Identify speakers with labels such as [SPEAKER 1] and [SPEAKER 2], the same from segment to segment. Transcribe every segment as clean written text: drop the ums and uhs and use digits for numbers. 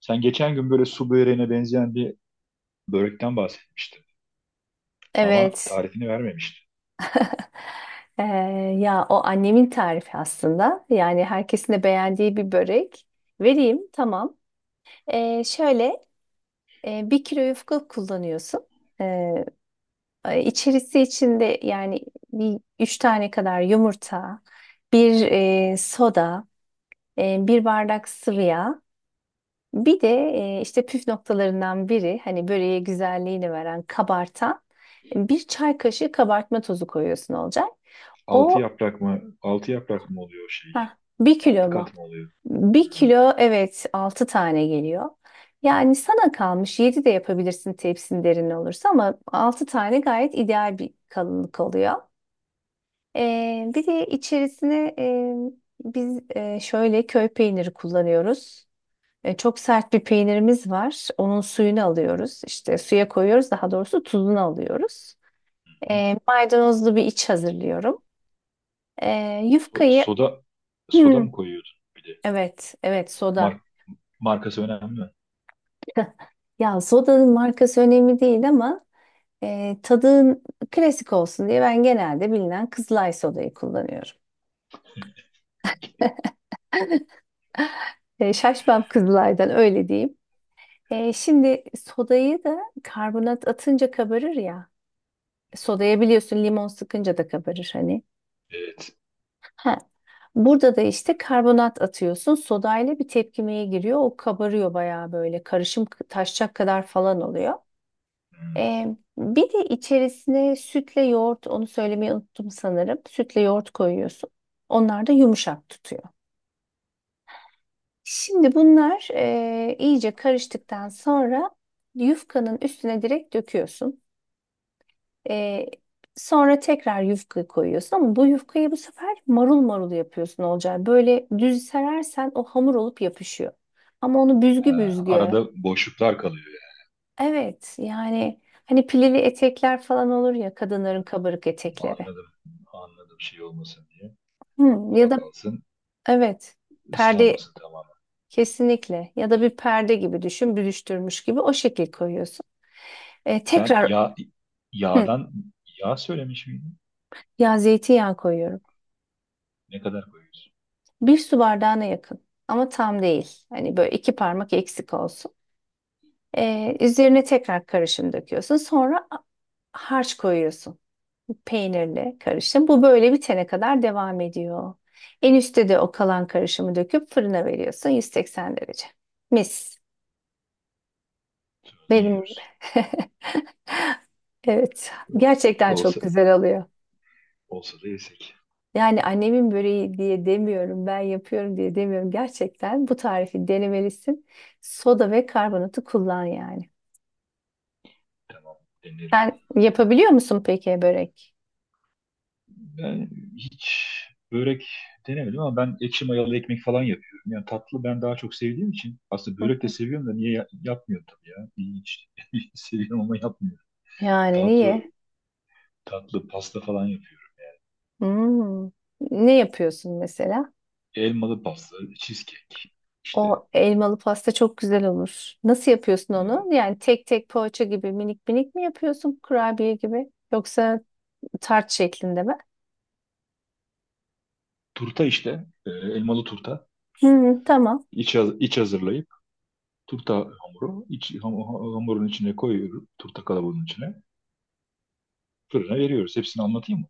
[SPEAKER 1] Sen geçen gün böyle su böreğine benzeyen bir börekten bahsetmiştin. Ama
[SPEAKER 2] Evet.
[SPEAKER 1] tarifini vermemiştin.
[SPEAKER 2] Ee, Ya o annemin tarifi aslında. Yani herkesin de beğendiği bir börek. Vereyim, tamam. Şöyle bir kilo yufka kullanıyorsun. Ee, e, içerisi içinde yani bir üç tane kadar yumurta, bir soda, bir bardak sıvı yağ. Bir de işte püf noktalarından biri, hani böreğe güzelliğini veren, kabartan bir çay kaşığı kabartma tozu koyuyorsun olacak.
[SPEAKER 1] Altı
[SPEAKER 2] O
[SPEAKER 1] yaprak mı? Altı yaprak mı oluyor o şey?
[SPEAKER 2] Heh, bir kilo
[SPEAKER 1] Altı
[SPEAKER 2] mu?
[SPEAKER 1] kat mı oluyor?
[SPEAKER 2] Bir kilo, evet, altı tane geliyor. Yani sana kalmış, yedi de yapabilirsin tepsin derin olursa, ama altı tane gayet ideal bir kalınlık oluyor. Bir de içerisine biz şöyle köy peyniri kullanıyoruz. Çok sert bir peynirimiz var. Onun suyunu alıyoruz. İşte suya koyuyoruz. Daha doğrusu tuzunu alıyoruz.
[SPEAKER 1] Hı.
[SPEAKER 2] Maydanozlu bir iç hazırlıyorum. E, yufkayı
[SPEAKER 1] Soda, soda mı koyuyordun bir de?
[SPEAKER 2] evet, evet, soda.
[SPEAKER 1] Mar- markası önemli mi?
[SPEAKER 2] Ya, sodanın markası önemli değil, ama tadın klasik olsun diye ben genelde bilinen Kızılay sodayı kullanıyorum. Şaşmam Kızılay'dan, öyle diyeyim. Şimdi sodayı da karbonat atınca kabarır ya. Sodaya, biliyorsun, limon sıkınca da kabarır hani.
[SPEAKER 1] Evet.
[SPEAKER 2] Ha. Burada da işte karbonat atıyorsun. Sodayla bir tepkimeye giriyor. O kabarıyor bayağı böyle. Karışım taşacak kadar falan oluyor. Bir de içerisine sütle yoğurt, onu söylemeyi unuttum sanırım. Sütle yoğurt koyuyorsun. Onlar da yumuşak tutuyor. Şimdi bunlar iyice karıştıktan sonra yufkanın üstüne direkt döküyorsun. Ee, Sonra tekrar yufkayı koyuyorsun, ama bu yufkayı bu sefer marul marul yapıyorsun, Olcay. Böyle düz serersen o hamur olup yapışıyor. Ama onu büzgü
[SPEAKER 1] Ha,
[SPEAKER 2] büzgü.
[SPEAKER 1] arada boşluklar kalıyor
[SPEAKER 2] Evet, yani hani pilili etekler falan olur ya, kadınların kabarık
[SPEAKER 1] yani.
[SPEAKER 2] etekleri.
[SPEAKER 1] Anladım. Anladım şey olmasın diye.
[SPEAKER 2] Hı, ya
[SPEAKER 1] Hava
[SPEAKER 2] da,
[SPEAKER 1] kalsın,
[SPEAKER 2] evet, perde,
[SPEAKER 1] ıslanmasın tamamen.
[SPEAKER 2] kesinlikle, ya da bir perde gibi düşün, büdüştürmüş gibi o şekil koyuyorsun. E,
[SPEAKER 1] Sen
[SPEAKER 2] tekrar
[SPEAKER 1] yağ,
[SPEAKER 2] Hı,
[SPEAKER 1] yağdan, yağ söylemiş miydin?
[SPEAKER 2] ya zeytinyağı koyuyorum.
[SPEAKER 1] Ne kadar koyuyorsun?
[SPEAKER 2] Bir su bardağına yakın ama tam değil. Hani böyle iki
[SPEAKER 1] Tamam,
[SPEAKER 2] parmak eksik olsun.
[SPEAKER 1] tamam.
[SPEAKER 2] Üzerine tekrar karışım döküyorsun. Sonra harç koyuyorsun. Peynirli karışım. Bu böyle bitene kadar devam ediyor. En üstte de o kalan karışımı döküp fırına veriyorsun, 180 derece. Mis.
[SPEAKER 1] Sonra da
[SPEAKER 2] Benim gibi.
[SPEAKER 1] yiyoruz.
[SPEAKER 2] Evet, gerçekten çok
[SPEAKER 1] Olsa,
[SPEAKER 2] güzel oluyor.
[SPEAKER 1] Olsa da yesek.
[SPEAKER 2] Yani annemin böreği diye demiyorum, ben yapıyorum diye demiyorum. Gerçekten bu tarifi denemelisin. Soda ve karbonatı kullan yani.
[SPEAKER 1] Tamam, denerim.
[SPEAKER 2] Sen yapabiliyor musun peki börek?
[SPEAKER 1] Ben hiç börek denemedim ama ben ekşi mayalı ekmek falan yapıyorum. Yani tatlı ben daha çok sevdiğim için aslında
[SPEAKER 2] Hı
[SPEAKER 1] börek de
[SPEAKER 2] hı.
[SPEAKER 1] seviyorum da niye yapmıyorum tabii ya. İlginç. Seviyorum ama yapmıyorum.
[SPEAKER 2] Yani
[SPEAKER 1] Tatlı,
[SPEAKER 2] niye?
[SPEAKER 1] tatlı pasta falan yapıyorum.
[SPEAKER 2] Hmm. Ne yapıyorsun mesela?
[SPEAKER 1] Elmalı pasta, cheesecake. İşte
[SPEAKER 2] O elmalı pasta çok güzel olur. Nasıl yapıyorsun
[SPEAKER 1] e,
[SPEAKER 2] onu? Yani tek tek poğaça gibi minik minik mi yapıyorsun, kurabiye gibi? Yoksa tart şeklinde mi?
[SPEAKER 1] turta işte. Elmalı turta.
[SPEAKER 2] Hı, tamam.
[SPEAKER 1] İç hazırlayıp turta hamuru. Hamurun içine koyuyorum. Turta kalabalığının içine. Fırına veriyoruz. Hepsini anlatayım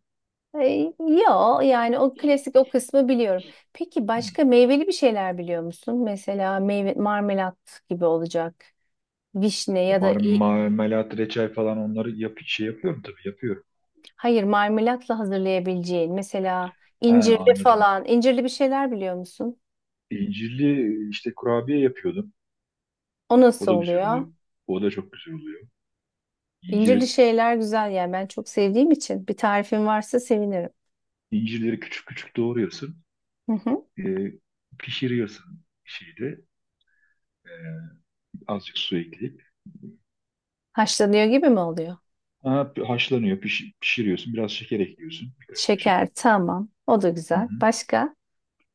[SPEAKER 2] Yo, yani o klasik, o kısmı biliyorum. Peki
[SPEAKER 1] mı?
[SPEAKER 2] başka meyveli bir şeyler biliyor musun? Mesela meyve marmelat gibi olacak. Vişne
[SPEAKER 1] O
[SPEAKER 2] ya da
[SPEAKER 1] marmelat, reçel falan, onları yap, şey yapıyorum, tabii yapıyorum.
[SPEAKER 2] hayır, marmelatla hazırlayabileceğin, mesela
[SPEAKER 1] He,
[SPEAKER 2] incirli
[SPEAKER 1] anladım.
[SPEAKER 2] falan, incirli bir şeyler biliyor musun?
[SPEAKER 1] İncirli işte kurabiye yapıyordum.
[SPEAKER 2] O
[SPEAKER 1] O
[SPEAKER 2] nasıl
[SPEAKER 1] da güzel
[SPEAKER 2] oluyor?
[SPEAKER 1] oluyor. O da çok güzel oluyor.
[SPEAKER 2] İncirli
[SPEAKER 1] İncir,
[SPEAKER 2] şeyler güzel yani, ben çok sevdiğim için bir tarifin varsa sevinirim.
[SPEAKER 1] incirleri küçük küçük doğruyorsun.
[SPEAKER 2] Hı hı.
[SPEAKER 1] E, pişiriyorsun şeyde. E, azıcık su ekleyip.
[SPEAKER 2] Haşlanıyor gibi mi oluyor?
[SPEAKER 1] Ha, haşlanıyor, pişiriyorsun. Biraz şeker ekliyorsun. Birkaç kaşık.
[SPEAKER 2] Şeker, tamam, o da
[SPEAKER 1] Hı
[SPEAKER 2] güzel.
[SPEAKER 1] hı.
[SPEAKER 2] Başka?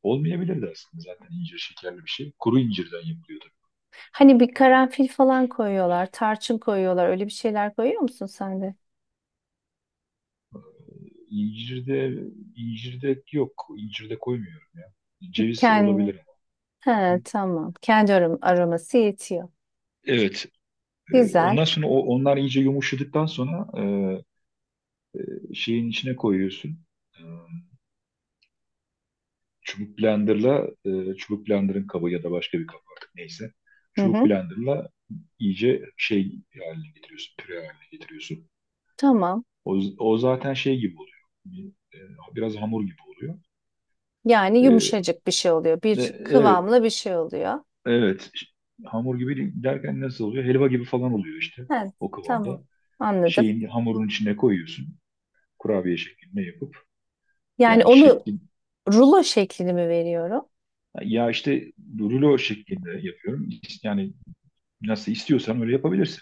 [SPEAKER 1] Olmayabilirdi aslında, zaten incir şekerli bir şey. Kuru incirden yapılıyor.
[SPEAKER 2] Hani bir karanfil falan koyuyorlar, tarçın koyuyorlar. Öyle bir şeyler koyuyor musun sen de?
[SPEAKER 1] İncirde, incirde yok. İncirde koymuyorum ya. Ceviz
[SPEAKER 2] Kendi.
[SPEAKER 1] olabilir ama. Hı hı.
[SPEAKER 2] He, tamam. Kendi aroması yetiyor.
[SPEAKER 1] Evet.
[SPEAKER 2] Güzel.
[SPEAKER 1] Ondan sonra onlar iyice yumuşadıktan sonra, şeyin içine koyuyorsun. E, Çubuk blenderla, çubuk blenderın kabı ya da başka bir kabı, artık neyse.
[SPEAKER 2] Hı
[SPEAKER 1] Çubuk
[SPEAKER 2] hı.
[SPEAKER 1] blenderla iyice şey haline getiriyorsun. Püre haline getiriyorsun.
[SPEAKER 2] Tamam.
[SPEAKER 1] O zaten şey gibi oluyor. Bir, Biraz hamur gibi oluyor.
[SPEAKER 2] Yani
[SPEAKER 1] E,
[SPEAKER 2] yumuşacık bir şey oluyor. Bir
[SPEAKER 1] Evet,
[SPEAKER 2] kıvamlı bir şey oluyor.
[SPEAKER 1] evet, işte. Hamur gibi derken nasıl oluyor? Helva gibi falan oluyor işte,
[SPEAKER 2] He,
[SPEAKER 1] o
[SPEAKER 2] tamam.
[SPEAKER 1] kıvamda.
[SPEAKER 2] Anladım.
[SPEAKER 1] Şeyin, hamurun içine koyuyorsun. Kurabiye şeklinde yapıp,
[SPEAKER 2] Yani
[SPEAKER 1] yani
[SPEAKER 2] onu
[SPEAKER 1] şeklin,
[SPEAKER 2] rulo şeklini mi veriyorum?
[SPEAKER 1] ya işte rulo şeklinde yapıyorum. Yani nasıl istiyorsan öyle yapabilirsin.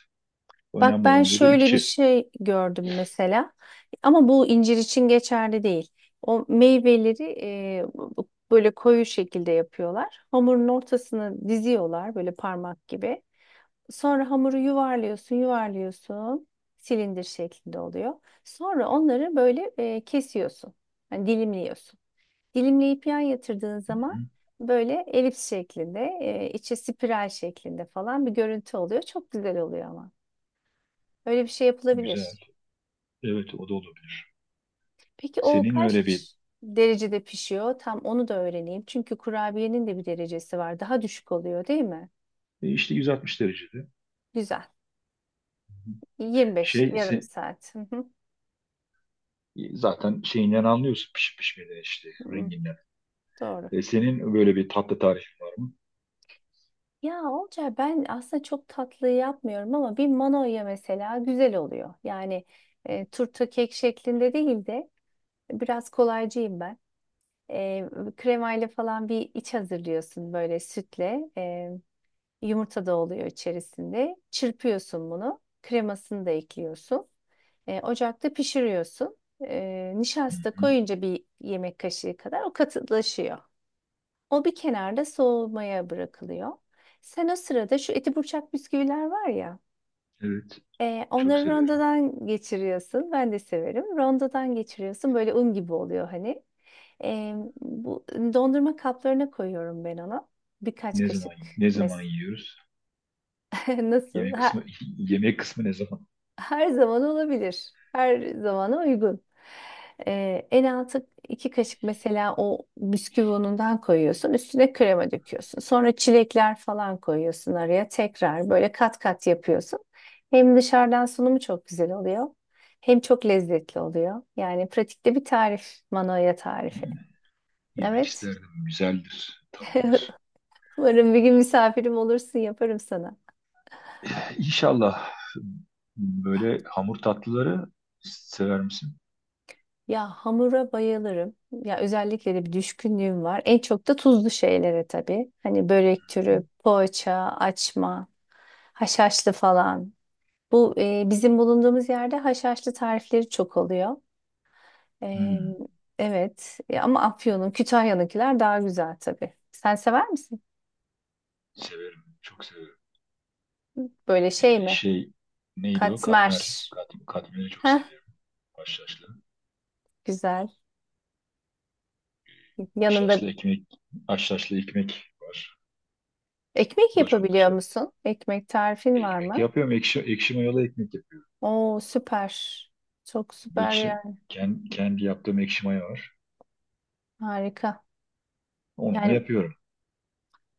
[SPEAKER 2] Bak,
[SPEAKER 1] Önemli
[SPEAKER 2] ben
[SPEAKER 1] olan burada
[SPEAKER 2] şöyle bir
[SPEAKER 1] içi.
[SPEAKER 2] şey gördüm mesela, ama bu incir için geçerli değil. O meyveleri böyle koyu şekilde yapıyorlar. Hamurun ortasını diziyorlar böyle parmak gibi. Sonra hamuru yuvarlıyorsun, yuvarlıyorsun. Silindir şeklinde oluyor. Sonra onları böyle kesiyorsun. Yani dilimliyorsun. Dilimleyip yan yatırdığın zaman
[SPEAKER 1] Hı.
[SPEAKER 2] böyle elips şeklinde, içi spiral şeklinde falan bir görüntü oluyor. Çok güzel oluyor ama. Öyle bir şey yapılabilir.
[SPEAKER 1] Güzel. Evet, o da olabilir.
[SPEAKER 2] Peki o
[SPEAKER 1] Senin öyle bir
[SPEAKER 2] kaç derecede pişiyor? Tam onu da öğreneyim. Çünkü kurabiyenin de bir derecesi var. Daha düşük oluyor değil mi?
[SPEAKER 1] işte 160 derecede,
[SPEAKER 2] Güzel. 25,
[SPEAKER 1] şey
[SPEAKER 2] yarım
[SPEAKER 1] se-
[SPEAKER 2] saat. Hı hı.
[SPEAKER 1] zaten şeyinden anlıyorsun pişip pişmeden, işte
[SPEAKER 2] Hı,
[SPEAKER 1] renginden.
[SPEAKER 2] doğru.
[SPEAKER 1] Senin böyle bir tatlı tarifin var mı?
[SPEAKER 2] Ya Olcay, ben aslında çok tatlı yapmıyorum ama bir manoya mesela güzel oluyor. Yani turta kek şeklinde değil de, biraz kolaycıyım ben. E, Kremayla falan bir iç hazırlıyorsun, böyle sütle. Yumurta da oluyor içerisinde. Çırpıyorsun bunu. Kremasını da ekliyorsun. Ocakta pişiriyorsun. Nişasta
[SPEAKER 1] Hı.
[SPEAKER 2] koyunca bir yemek kaşığı kadar o katılaşıyor. O bir kenarda soğumaya bırakılıyor. Sen o sırada şu eti burçak bisküviler var ya.
[SPEAKER 1] Evet.
[SPEAKER 2] e,
[SPEAKER 1] Çok
[SPEAKER 2] onları
[SPEAKER 1] severim.
[SPEAKER 2] rondodan geçiriyorsun. Ben de severim. Rondodan geçiriyorsun. Böyle un gibi oluyor hani. E, Bu dondurma kaplarına koyuyorum ben onu. Birkaç
[SPEAKER 1] Ne
[SPEAKER 2] kaşık
[SPEAKER 1] zaman, ne zaman
[SPEAKER 2] mes
[SPEAKER 1] yiyoruz?
[SPEAKER 2] nasıl?
[SPEAKER 1] Yemek kısmı,
[SPEAKER 2] Ha,
[SPEAKER 1] yemek kısmı ne zaman?
[SPEAKER 2] her zaman olabilir. Her zamana uygun. En altı iki kaşık mesela, o bisküvi unundan koyuyorsun. Üstüne krema döküyorsun. Sonra çilekler falan koyuyorsun araya. Tekrar böyle kat kat yapıyorsun. Hem dışarıdan sunumu çok güzel oluyor. Hem çok lezzetli oluyor. Yani pratikte bir tarif. Manoya tarifi.
[SPEAKER 1] Yemek
[SPEAKER 2] Evet.
[SPEAKER 1] isterdim. Güzeldir, tatlıdır.
[SPEAKER 2] Umarım bir gün misafirim olursun. Yaparım sana.
[SPEAKER 1] İnşallah. Böyle hamur tatlıları sever misin?
[SPEAKER 2] Ya, hamura bayılırım. Ya özellikle de bir düşkünlüğüm var. En çok da tuzlu şeylere tabii. Hani börek türü, poğaça, açma, haşhaşlı falan. Bu bizim bulunduğumuz yerde haşhaşlı tarifleri çok oluyor. E,
[SPEAKER 1] Hmm,
[SPEAKER 2] evet. Ama Afyon'un, Kütahya'nınkiler daha güzel tabii. Sen sever misin?
[SPEAKER 1] severim. Çok severim.
[SPEAKER 2] Böyle şey mi?
[SPEAKER 1] Şey, neydi o? Katmer.
[SPEAKER 2] Katmer.
[SPEAKER 1] Katmeri çok
[SPEAKER 2] Heh,
[SPEAKER 1] severim. Haşhaşlı.
[SPEAKER 2] güzel. Yanında
[SPEAKER 1] Haşhaşlı ekmek. Haşhaşlı ekmek var.
[SPEAKER 2] ekmek
[SPEAKER 1] Bu da çok
[SPEAKER 2] yapabiliyor
[SPEAKER 1] güzel.
[SPEAKER 2] musun? Ekmek tarifin var
[SPEAKER 1] Ekmek
[SPEAKER 2] mı?
[SPEAKER 1] yapıyorum. Ekşi mayalı ekmek yapıyorum.
[SPEAKER 2] Oo, süper. Çok süper
[SPEAKER 1] Ekşi,
[SPEAKER 2] yani.
[SPEAKER 1] kendi yaptığım ekşi maya var.
[SPEAKER 2] Harika.
[SPEAKER 1] Onunla
[SPEAKER 2] Yani
[SPEAKER 1] yapıyorum.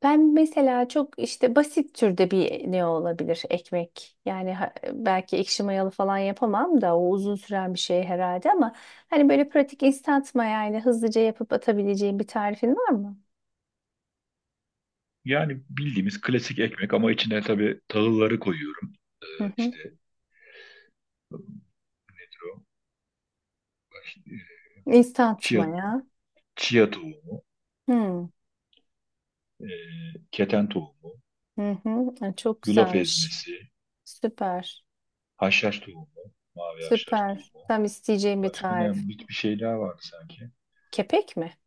[SPEAKER 2] ben mesela çok işte basit türde bir ne olabilir ekmek. Yani belki ekşi mayalı falan yapamam da, o uzun süren bir şey herhalde, ama hani böyle pratik instant mayayla hızlıca yapıp atabileceğim bir tarifin var mı?
[SPEAKER 1] Yani bildiğimiz klasik ekmek ama içine tabii tahılları koyuyorum. Ee,
[SPEAKER 2] Hı hı.
[SPEAKER 1] işte nedir o? Ee,
[SPEAKER 2] Instant
[SPEAKER 1] chia,
[SPEAKER 2] maya.
[SPEAKER 1] chia tohumu,
[SPEAKER 2] Hı.
[SPEAKER 1] e, keten tohumu,
[SPEAKER 2] Hı hı. Ay, çok
[SPEAKER 1] yulaf
[SPEAKER 2] güzelmiş.
[SPEAKER 1] ezmesi,
[SPEAKER 2] Süper.
[SPEAKER 1] haşhaş tohumu, mavi haşhaş
[SPEAKER 2] Süper.
[SPEAKER 1] tohumu.
[SPEAKER 2] Tam isteyeceğim bir
[SPEAKER 1] Başka
[SPEAKER 2] tarif.
[SPEAKER 1] ne? Bir şey daha vardı sanki.
[SPEAKER 2] Kepek mi?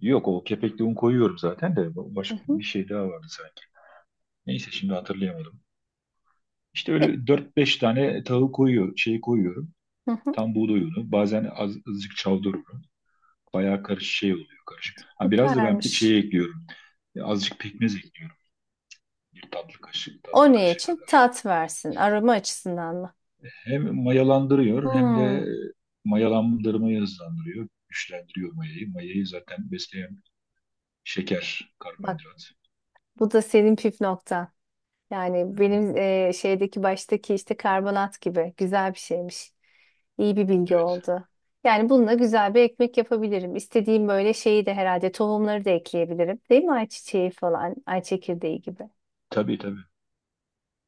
[SPEAKER 1] Yok, o kepekli un koyuyorum zaten, de
[SPEAKER 2] Hı
[SPEAKER 1] başka
[SPEAKER 2] hı.
[SPEAKER 1] bir şey daha vardı sanki. Neyse, şimdi hatırlayamadım. İşte
[SPEAKER 2] Ya-
[SPEAKER 1] öyle 4 5 tane tahıl koyuyor, şey koyuyorum.
[SPEAKER 2] Hı hı.
[SPEAKER 1] Tam buğday unu, bazen azıcık çavdar unu. Bayağı karışık şey oluyor, karışık. Ha, biraz da ben bir
[SPEAKER 2] Süpermiş.
[SPEAKER 1] şey ekliyorum. Azıcık pekmez ekliyorum.
[SPEAKER 2] O
[SPEAKER 1] Tatlı
[SPEAKER 2] ne
[SPEAKER 1] kaşığı
[SPEAKER 2] için?
[SPEAKER 1] kadar.
[SPEAKER 2] Tat versin. Aroma açısından mı?
[SPEAKER 1] Hem mayalandırıyor hem de,
[SPEAKER 2] Hmm,
[SPEAKER 1] mayalandırmayı hızlandırıyor. Güçlendiriyor mayayı. Mayayı zaten besleyen şeker,
[SPEAKER 2] bak,
[SPEAKER 1] karbonhidrat.
[SPEAKER 2] bu da senin püf noktan.
[SPEAKER 1] Hı
[SPEAKER 2] Yani
[SPEAKER 1] hı.
[SPEAKER 2] benim şeydeki baştaki işte karbonat gibi güzel bir şeymiş. İyi bir bilgi
[SPEAKER 1] Evet.
[SPEAKER 2] oldu. Yani bununla güzel bir ekmek yapabilirim. İstediğim böyle şeyi de herhalde tohumları da ekleyebilirim. Değil mi? Ayçiçeği falan, ay çekirdeği gibi.
[SPEAKER 1] Tabii, tabii.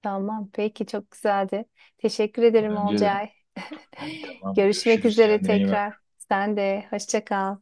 [SPEAKER 2] Tamam, peki, çok güzeldi. Teşekkür ederim,
[SPEAKER 1] Bence de.
[SPEAKER 2] Olcay.
[SPEAKER 1] Tamam.
[SPEAKER 2] Görüşmek
[SPEAKER 1] Görüşürüz.
[SPEAKER 2] üzere
[SPEAKER 1] Kendine iyi
[SPEAKER 2] tekrar.
[SPEAKER 1] bak.
[SPEAKER 2] Sen de hoşça kal.